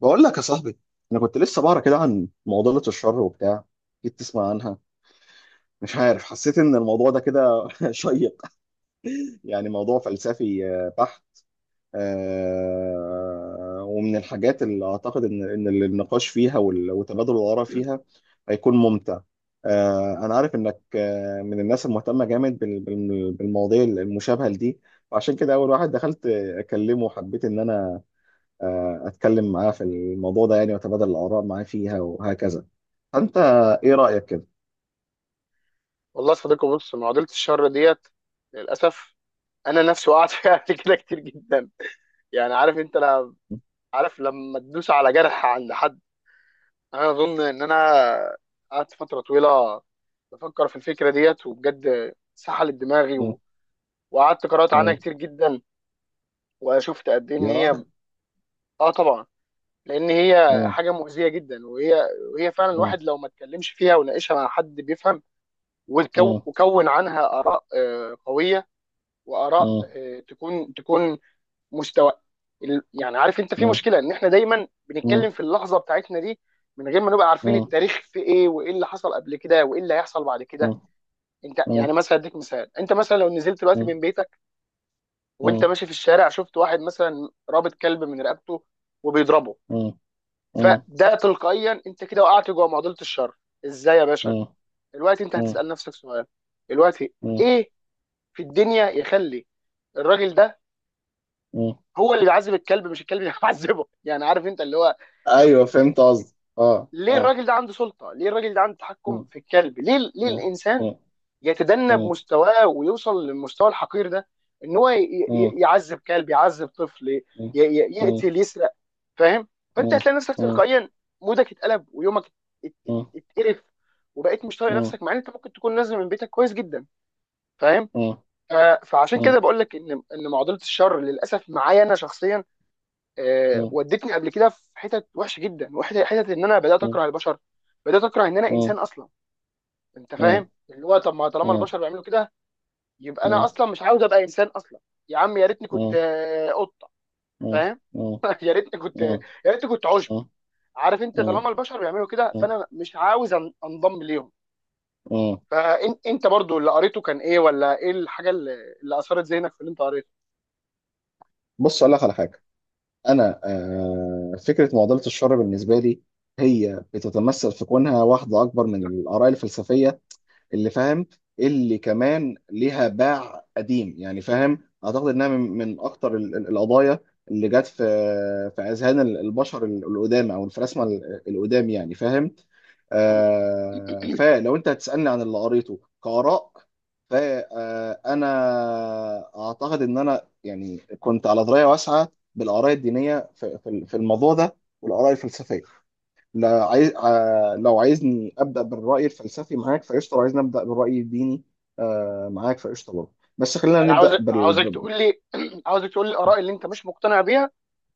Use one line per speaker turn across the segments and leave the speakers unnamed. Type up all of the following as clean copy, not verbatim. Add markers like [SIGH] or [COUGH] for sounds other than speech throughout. بقول لك يا صاحبي، انا كنت لسه بقرا كده عن معضله الشر وبتاع. جيت تسمع عنها. مش عارف، حسيت ان الموضوع ده كده [LAUGHS] شيق. يعني موضوع فلسفي بحت. ومن الحاجات اللي اعتقد ان النقاش فيها وتبادل الاراء فيها هيكون ممتع. انا عارف انك من الناس المهتمه جامد بالمواضيع المشابهه لدي. وعشان كده اول واحد دخلت اكلمه وحبيت ان انا اتكلم معاه في الموضوع ده، يعني واتبادل الاراء معاه فيها وهكذا. فانت ايه رايك كده؟
والله يا صديقي، بص، معضله الشر ديت للاسف. انا نفسي وقعت [LAUGHS] فيها قبل كده كتير جدا. يعني عارف انت؟ لا، عارف لما تدوس على جرح عند حد. انا اظن ان انا قعدت فتره طويله بفكر في الفكره ديت، وبجد سحلت دماغي
مم،
وقعدت قرات عنها
مم،
كتير جدا، وشفت قد ايه ان
يا راجل،
هي. اه طبعا، لان هي
مم،
حاجه مؤذيه جدا، وهي فعلا
مم،
الواحد لو ما اتكلمش فيها وناقشها مع حد بيفهم
مم،
وكون عنها اراء قويه، واراء
مم،
تكون مستوى. يعني عارف انت، في
مم،
مشكله ان احنا دايما
مم،
بنتكلم في اللحظه بتاعتنا دي من غير ما نبقى عارفين
مم،
التاريخ في ايه، وايه اللي حصل قبل كده، وايه اللي هيحصل بعد كده.
مم،
انت يعني
مم،
مثلا اديك مثال: انت مثلا لو نزلت دلوقتي من بيتك، وانت
مم،
ماشي في الشارع، شفت واحد مثلا رابط كلب من رقبته وبيضربه،
مم، مم، مم،
فده تلقائيا انت كده وقعت جوه معضله الشر. ازاي يا باشا؟ دلوقتي انت
مم، مم،
هتسال نفسك سؤال. دلوقتي
مم،
ايه في الدنيا يخلي الراجل ده
مم.
هو اللي بيعذب الكلب مش الكلب اللي [LAUGHS] بيعذبه؟ يعني عارف انت، اللي هو
ايوه فهمت قصدي، اه
ليه
اه.
الراجل ده عنده سلطه؟ ليه الراجل ده عنده تحكم
مم،
في الكلب؟ ليه
مم،
الانسان
مم،
يتدنى
مم،
بمستواه ويوصل للمستوى الحقير ده، ان هو يعذب كلب، يعذب طفل،
مم، مم،
يقتل، يسرق؟ فاهم؟ فانت
مم،
هتلاقي نفسك
مم،
تلقائيا مودك اتقلب، ويومك
مم،
اتقرف، وبقيت مش طايق نفسك، مع ان انت ممكن تكون نازل من بيتك كويس جدا. فاهم؟
مم، مم،
ف- فعشان كده
مم،
بقول لك ان معضله الشر للاسف معايا انا شخصيا
مم،
ودتني قبل كده في حتت وحشه جدا، وحتت ان انا بدات
مم، مم،
اكره البشر، بدات اكره ان انا
مم،
انسان اصلا. انت
مم،
فاهم؟ اللي هو طب ما طالما البشر بيعملوا كده، يبقى انا
مم.
اصلا مش عاوز ابقى انسان اصلا. يا عم، يا ريتني كنت
مم.
قطه.
اه،
فاهم؟
اه،
[LAUGHS] يا ريتني كنت
اه،
يا ريتني كنت عشب.
اه،
عارف انت،
اه،
طالما البشر بيعملوا كده
اه،
فانا مش عاوز انضم ليهم.
اه.
فانت، انت برضو اللي قريته كان ايه؟ ولا ايه الحاجه اللي اثرت ذهنك في اللي انت قريته؟
بص اقول لك على حاجه. انا فكره معضله الشر بالنسبه لي هي بتتمثل في كونها واحده اكبر من الاراء الفلسفيه اللي فاهم، اللي كمان ليها باع قديم يعني فاهم. اعتقد انها من اكتر القضايا اللي جت في اذهان البشر القدام او الفلاسفه القدام يعني فاهم. فلو انت هتسالني عن اللي قريته كاراء، فانا اعتقد ان انا يعني كنت على درايه واسعه بالاراء الدينيه في الموضوع ده والاراء الفلسفيه. لا عايز لو عايزني ابدا بالراي الفلسفي معاك فقشطه، لو عايزني ابدا بالراي الديني معاك فقشطه برضه. بس خلينا
انا عاوز
نبدا
عاوزك تقول لي، [CLEARS THROAT] عاوزك تقول لي الاراء اللي انت مش مقتنع بيها،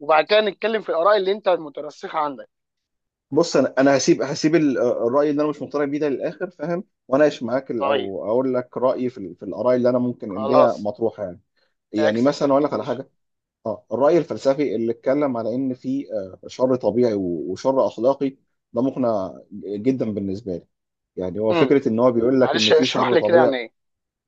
وبعد كده نتكلم في الآراء اللي أنت مترسخة عندك.
بص انا هسيب الراي اللي انا مش مقتنع بيه ده للاخر فاهم، واناقش معاك
طيب،
او اقول لك رايي في في الاراء اللي انا ممكن اللي هي
خلاص،
مطروحه يعني. يعني
عكس
مثلا اقول
الترتيب
لك على
ماشي.
حاجه. اه الراي الفلسفي اللي اتكلم على ان في شر طبيعي وشر اخلاقي ده مقنع جدا بالنسبه لي. يعني هو
امم
فكره ان هو بيقول لك ان
معلش
في
اشرح
شر
لي كده
طبيعي.
يعني إيه.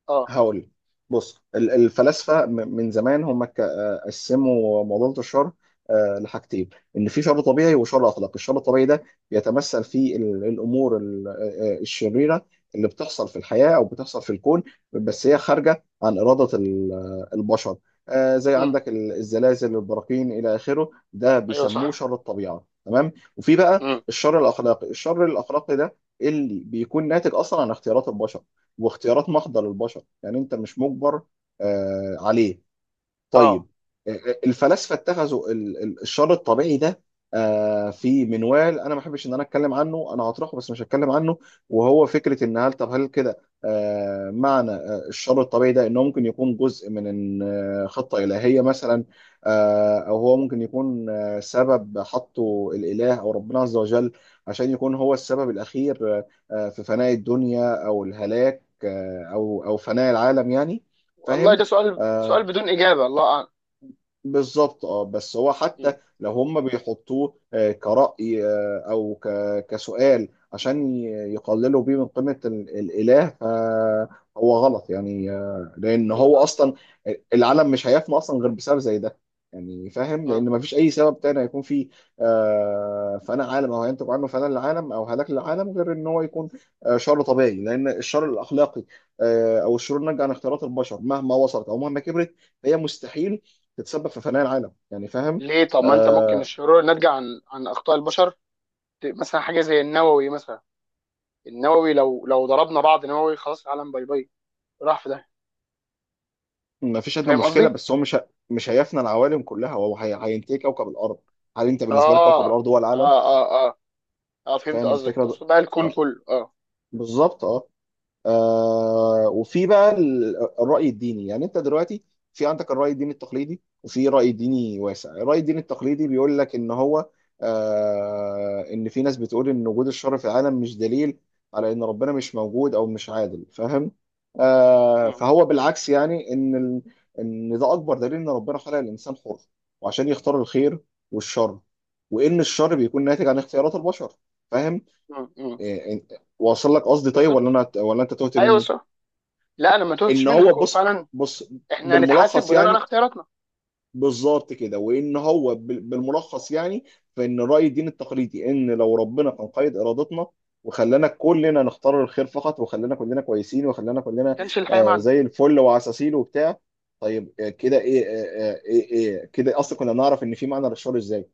أه.
هقول، بص الفلاسفه من زمان هم قسموا معضله الشر لحاجتين: ان في شر طبيعي وشر اخلاقي. الشر الطبيعي ده بيتمثل في الامور الشريره اللي بتحصل في الحياه او بتحصل في الكون، بس هي خارجه عن اراده البشر. زي
امم،
عندك الزلازل، البراكين، الى اخره. ده
أيوه
بيسموه
صح.
شر الطبيعه، تمام. وفي بقى
امم،
الشر الاخلاقي. الشر الاخلاقي ده اللي بيكون ناتج اصلا عن اختيارات البشر، واختيارات محضة للبشر. يعني انت مش مجبر عليه.
أه،
طيب. الفلاسفه اتخذوا الشر الطبيعي ده في منوال، انا ما احبش ان انا اتكلم عنه، انا هطرحه بس مش هتكلم عنه. وهو فكره ان هل، طب هل كده معنى الشر الطبيعي ده انه ممكن يكون جزء من خطه الهيه مثلا، او هو ممكن يكون سبب حطه الاله او ربنا عز وجل عشان يكون هو السبب الاخير في فناء الدنيا او الهلاك، او فناء العالم يعني.
والله
فاهم.
ده سؤال
آه،
بدون إجابة، الله أعلم.
بالظبط اه. بس هو
امم
حتى لو هم بيحطوه كرأي او كسؤال عشان يقللوا بيه من قيمة الإله، فهو غلط. يعني لأن هو
بالظبط.
أصلا العالم مش هيفنى أصلا غير بسبب زي ده، يعني فاهم،
امم
لأن مفيش أي سبب تاني هيكون فيه. فأنا عالم أو هينتج عنه فناء العالم أو هلاك للعالم غير إن هو يكون شر طبيعي. لأن الشر الأخلاقي أو الشرور الناتجة عن اختيارات البشر مهما وصلت أو مهما كبرت فهي مستحيل تتسبب في فناء العالم يعني فاهم.
ليه؟ طب ما أنت ممكن
آه.
الشرور ناتجة عن أخطاء البشر. مثلا حاجة زي النووي مثلا، النووي لو ضربنا بعض نووي خلاص العالم باي باي، راح في ده.
ما فيش
أنت
ادنى
فاهم
مشكله،
قصدي؟
بس هو مش هيفنى العوالم كلها، هو هينتهي كوكب الارض. هل انت بالنسبه لك
آه،
كوكب الارض هو العالم؟
آه، آه، آه، آه، فهمت
فاهم
قصدك،
الفكره ده؟
تقصد بقى الكون
آه،
كله. أه.
بالظبط اه. آه وفي بقى الرأي الديني. يعني انت دلوقتي في عندك الرأي الديني التقليدي وفي رأي ديني واسع. الرأي الديني التقليدي بيقول لك ان هو ان في ناس بتقول ان وجود الشر في العالم مش دليل على ان ربنا مش موجود او مش عادل، فاهم.
امم،
فهو بالعكس، يعني ان ال... ان ده اكبر دليل ان ربنا خلق الانسان حر، وعشان يختار الخير والشر، وان الشر بيكون ناتج عن اختيارات البشر، فاهم.
امم،
إيه- واصل لك قصدي، طيب، ولا
بالظبط،
انا ولا انت تهت
ايوه
مني؟
صح. لا، انا ما توتش
ان هو،
منك، هو
بص
فعلا
بص،
احنا هنتحاسب
بالملخص
بناء على
يعني.
اختياراتنا.
بالظبط كده. وان هو بالملخص يعني، فان راي الدين التقليدي ان لو ربنا كان قيد ارادتنا وخلانا كلنا نختار الخير فقط، وخلانا كلنا كويسين، وخلانا
ما
كلنا
كانش الحياه معانا.
زي الفل وعساسين وبتاع، طيب آه كده ايه، ايه، ايه كده اصلا كنا نعرف ان في معنى للشر ازاي؟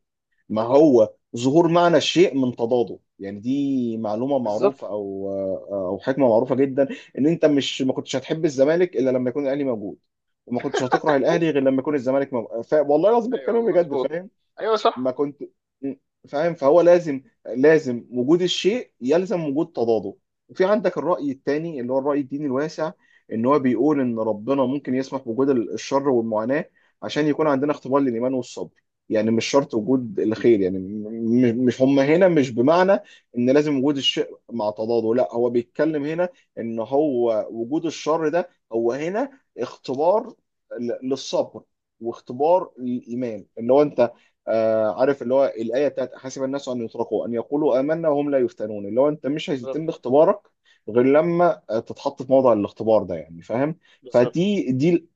ما هو ظهور معنى الشيء من تضاده، يعني دي معلومة
بالظبط،
معروفة، أو حكمة معروفة جدا. إن أنت مش ما كنتش هتحب الزمالك إلا لما يكون الأهلي موجود، وما كنتش هتكره الأهلي غير لما يكون الزمالك موجود. ف... والله العظيم
ايوه
بتكلم بجد
مظبوط،
فاهم.
ايوه
ما
صح،
كنت م- فاهم. فهو لازم، لازم وجود الشيء يلزم وجود تضاده. وفي عندك الرأي الثاني اللي هو الرأي الديني الواسع، ان هو بيقول ان ربنا ممكن يسمح بوجود الشر والمعاناة عشان يكون عندنا اختبار للإيمان والصبر. يعني مش شرط وجود الخير، يعني مش هم هنا مش بمعنى ان لازم وجود الشيء مع تضاده، لا هو بيتكلم هنا ان هو وجود الشر ده هو هنا اختبار للصبر واختبار للإيمان. ان هو انت عارف اللي هو الايه بتاعت حسب الناس ان يتركوا ان يقولوا امنا وهم لا يفتنون، اللي هو انت مش
بالظبط،
هيتم اختبارك غير لما تتحط في موضع الاختبار ده يعني فاهم.
بالظبط.
فدي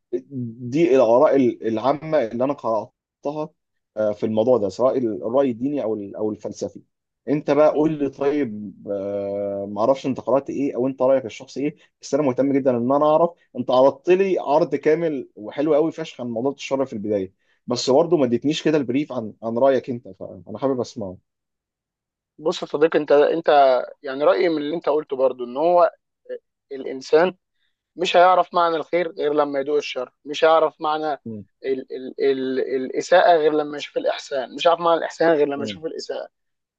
دي الاراء العامه اللي انا قراتها في الموضوع ده، سواء الراي الديني او او الفلسفي. انت بقى
مم.
قول لي، طيب معرفش انت قرات ايه او انت رايك الشخصي ايه. بس انا مهتم جدا ان انا اعرف. انت عرضت لي عرض كامل وحلو قوي فشخ عن موضوع الشر في البدايه، بس برضه ما اديتنيش كده البريف عن رايك انت، فانا حابب اسمعه.
بص يا صديقي انت يعني رايي من اللي انت قلته برضو ان هو الانسان مش هيعرف معنى الخير غير لما يدوق الشر، مش هيعرف معنى
م-
ال ال ال الاساءه غير لما يشوف الاحسان، مش هيعرف معنى الاحسان غير لما
م-
يشوف الاساءه،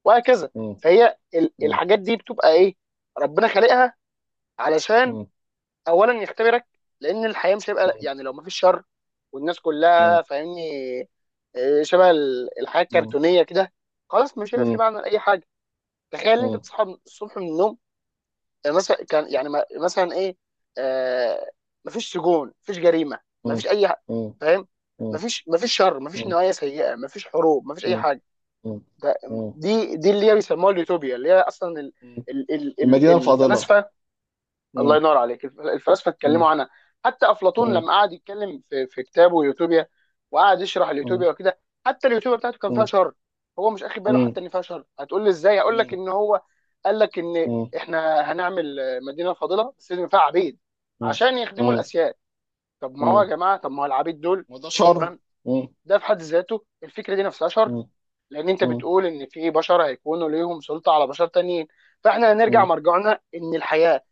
وهكذا.
م-
فهي
م-
الحاجات دي بتبقى ايه؟ ربنا خالقها علشان
م-
اولا يختبرك، لان الحياه مش هيبقى
م-
يعني، لو مفيش شر والناس
م-
كلها فاهمني، شبه الحياه
م-
الكرتونيه كده، خلاص مش هيبقى في
م-
معنى لاي حاجه. تخيل ان
م-
انت
م-
بتصحى الصبح من النوم، مثلا كان يعني، مثلا ايه، آه مفيش سجون، مفيش جريمه،
م- م-
فاهم، مفيش شر، مفيش نوايا سيئه، مفيش حروب، مفيش
م-
اي
م-
حاجه.
م-
ده دي دي اللي هي بيسموها اليوتوبيا، اللي هي اصلا ال
م.
ال ال ال
المدينه الفاضله.
الفلاسفه الله
م-
ينور عليك، الفلاسفه
م-
اتكلموا عنها. حتى افلاطون
م-
لما قعد يتكلم في كتابه يوتوبيا وقعد يشرح
م- م-
اليوتوبيا وكده، حتى اليوتوبيا بتاعته كان
م-
فيها
م-
شر. هو مش اخد باله حتى ان فيها شر. هتقول لي ازاي؟ هقول لك
م-
ان هو قال لك ان
م-
احنا هنعمل مدينه فاضله بس لازم فيها عبيد عشان يخدموا
م-
الاسياد. طب ما هو يا
م.
جماعه، طب ما هو العبيد دول؟
وده شر.
تمام.
م-
ده في حد ذاته الفكره دي نفسها شر،
م-
لان انت
م-
بتقول ان في بشر هيكونوا ليهم سلطه على بشر تانيين. فاحنا هنرجع
م-
مرجعنا ان الحياه،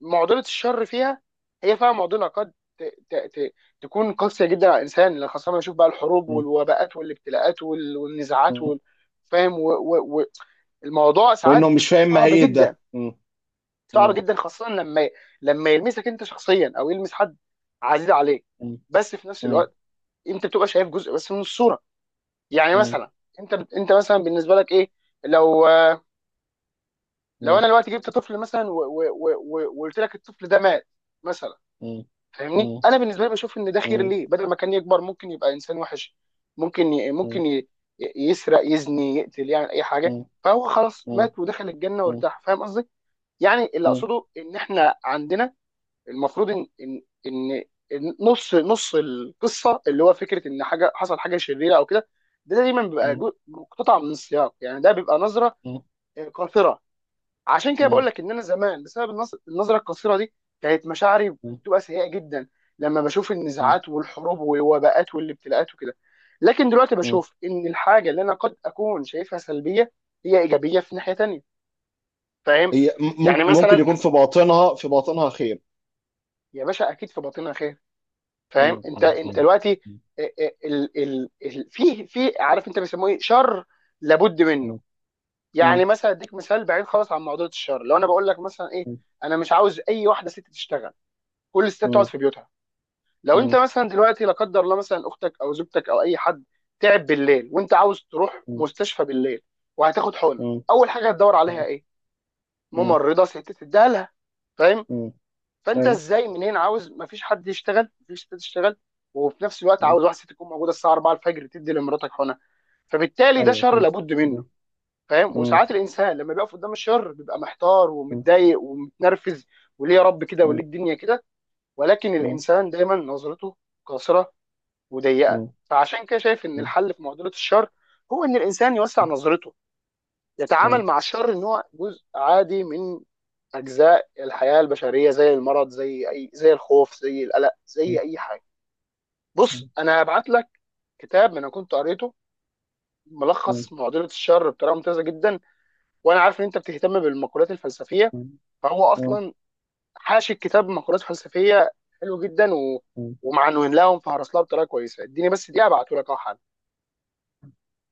معضله الشر فيها، هي فعلا معضله قد ت... ت... ت... تكون قاسيه جدا على الانسان، لأن خاصه لما نشوف بقى الحروب
م-
والوباءات والابتلاءات والنزاعات
م.
فاهم، الموضوع ساعات
وانه مش
بيبقى
فاهم
صعب
ماهيه
جدا.
ده. م-
صعب
م-
جدا خاصه لما يلمسك انت شخصيا، او يلمس حد عزيز عليك.
م-
بس في نفس
م-
الوقت انت بتبقى شايف جزء بس من الصوره. يعني
م-
مثلا انت مثلا بالنسبه لك ايه، لو لو انا دلوقتي جبت طفل مثلا وقلت لك الطفل ده مات مثلا،
م-
فاهمني؟
م-
انا بالنسبه لي بشوف ان ده خير
مم.
ليه، بدل ما كان يكبر ممكن يبقى انسان وحش، ممكن ي...
مم.
ممكن ي... يسرق، يزني، يقتل، يعني اي حاجه،
مم.
فهو خلاص
مم.
مات ودخل الجنه
مم.
وارتاح. فاهم قصدي؟ يعني اللي
مم.
اقصده ان احنا عندنا المفروض ان ان ان إن نص القصه، اللي هو فكره ان حاجه حصل حاجه شريره او كده، ده دايما بيبقى
مم.
مقتطع من السياق. يعني ده بيبقى نظره
مم.
قاصره، عشان كده
مم.
بقول لك ان انا زمان بسبب النظره القصيره دي كانت مشاعري
مم.
بتبقى سيئه جدا لما بشوف
مم.
النزاعات والحروب والوباءات والابتلاءات وكده. لكن دلوقتي
مم.
بشوف ان الحاجه اللي انا قد اكون شايفها سلبيه هي ايجابيه في ناحيه تانيه، فاهم؟
هي
يعني
ممكن ممكن
مثلا
يكون في باطنها في باطنها خير.
يا باشا، اكيد في باطنها خير. فاهم؟
مم.
انت
مم.
انت
ايوه.
دلوقتي
مم.
في عارف انت بيسموه ايه؟ شر لابد منه.
مم.
يعني
مم.
مثلا اديك مثال بعيد خالص عن موضوع الشر، لو انا بقول لك مثلا ايه، انا مش عاوز اي واحده ست تشتغل، كل الستات تقعد
مم.
في بيوتها. لو انت
مم.
مثلا دلوقتي، لا قدر الله، مثلا اختك او زوجتك او اي حد تعب بالليل، وانت عاوز تروح مستشفى بالليل وهتاخد حقنه،
مم.
اول حاجه هتدور عليها
مم.
ايه؟
مم.
ممرضه ست تديها لها. فاهم؟
مم.
فانت
أيوة.
ازاي؟ منين عاوز مفيش حد يشتغل، مفيش ست تشتغل، وفي نفس الوقت
مم.
عاوز واحده ست تكون موجوده الساعه 4 الفجر تدي لمراتك حقنه. فبالتالي ده
أيوة،
شر
فهمت.
لابد منه.
مم.
فاهم؟
مم.
وساعات الانسان لما بيقف قدام الشر بيبقى محتار
مم.
ومتضايق ومتنرفز، وليه يا رب كده؟ وليه
مم.
الدنيا كده؟ ولكن
مم.
الانسان دايما نظرته قاصره وضيقه.
مم.
فعشان كده شايف ان
مم.
الحل في معضله الشر هو ان الانسان يوسع نظرته، يتعامل مع الشر ان هو جزء عادي من اجزاء الحياه البشريه، زي المرض، زي الخوف، زي القلق،
مم.
زي اي حاجه. بص انا هبعت لك كتاب انا كنت قريته،
مم.
ملخص معضله الشر بطريقه ممتازه جدا. وانا عارف ان انت بتهتم بالمقولات الفلسفيه،
مم.
فهو
مم.
اصلا حاشي الكتاب مقولات فلسفيه حلوه جدا
مم.
ومعنوين لهم فهرس لها بطريقه كويسه. اديني بس دقيقه ابعته لك اهو حالا.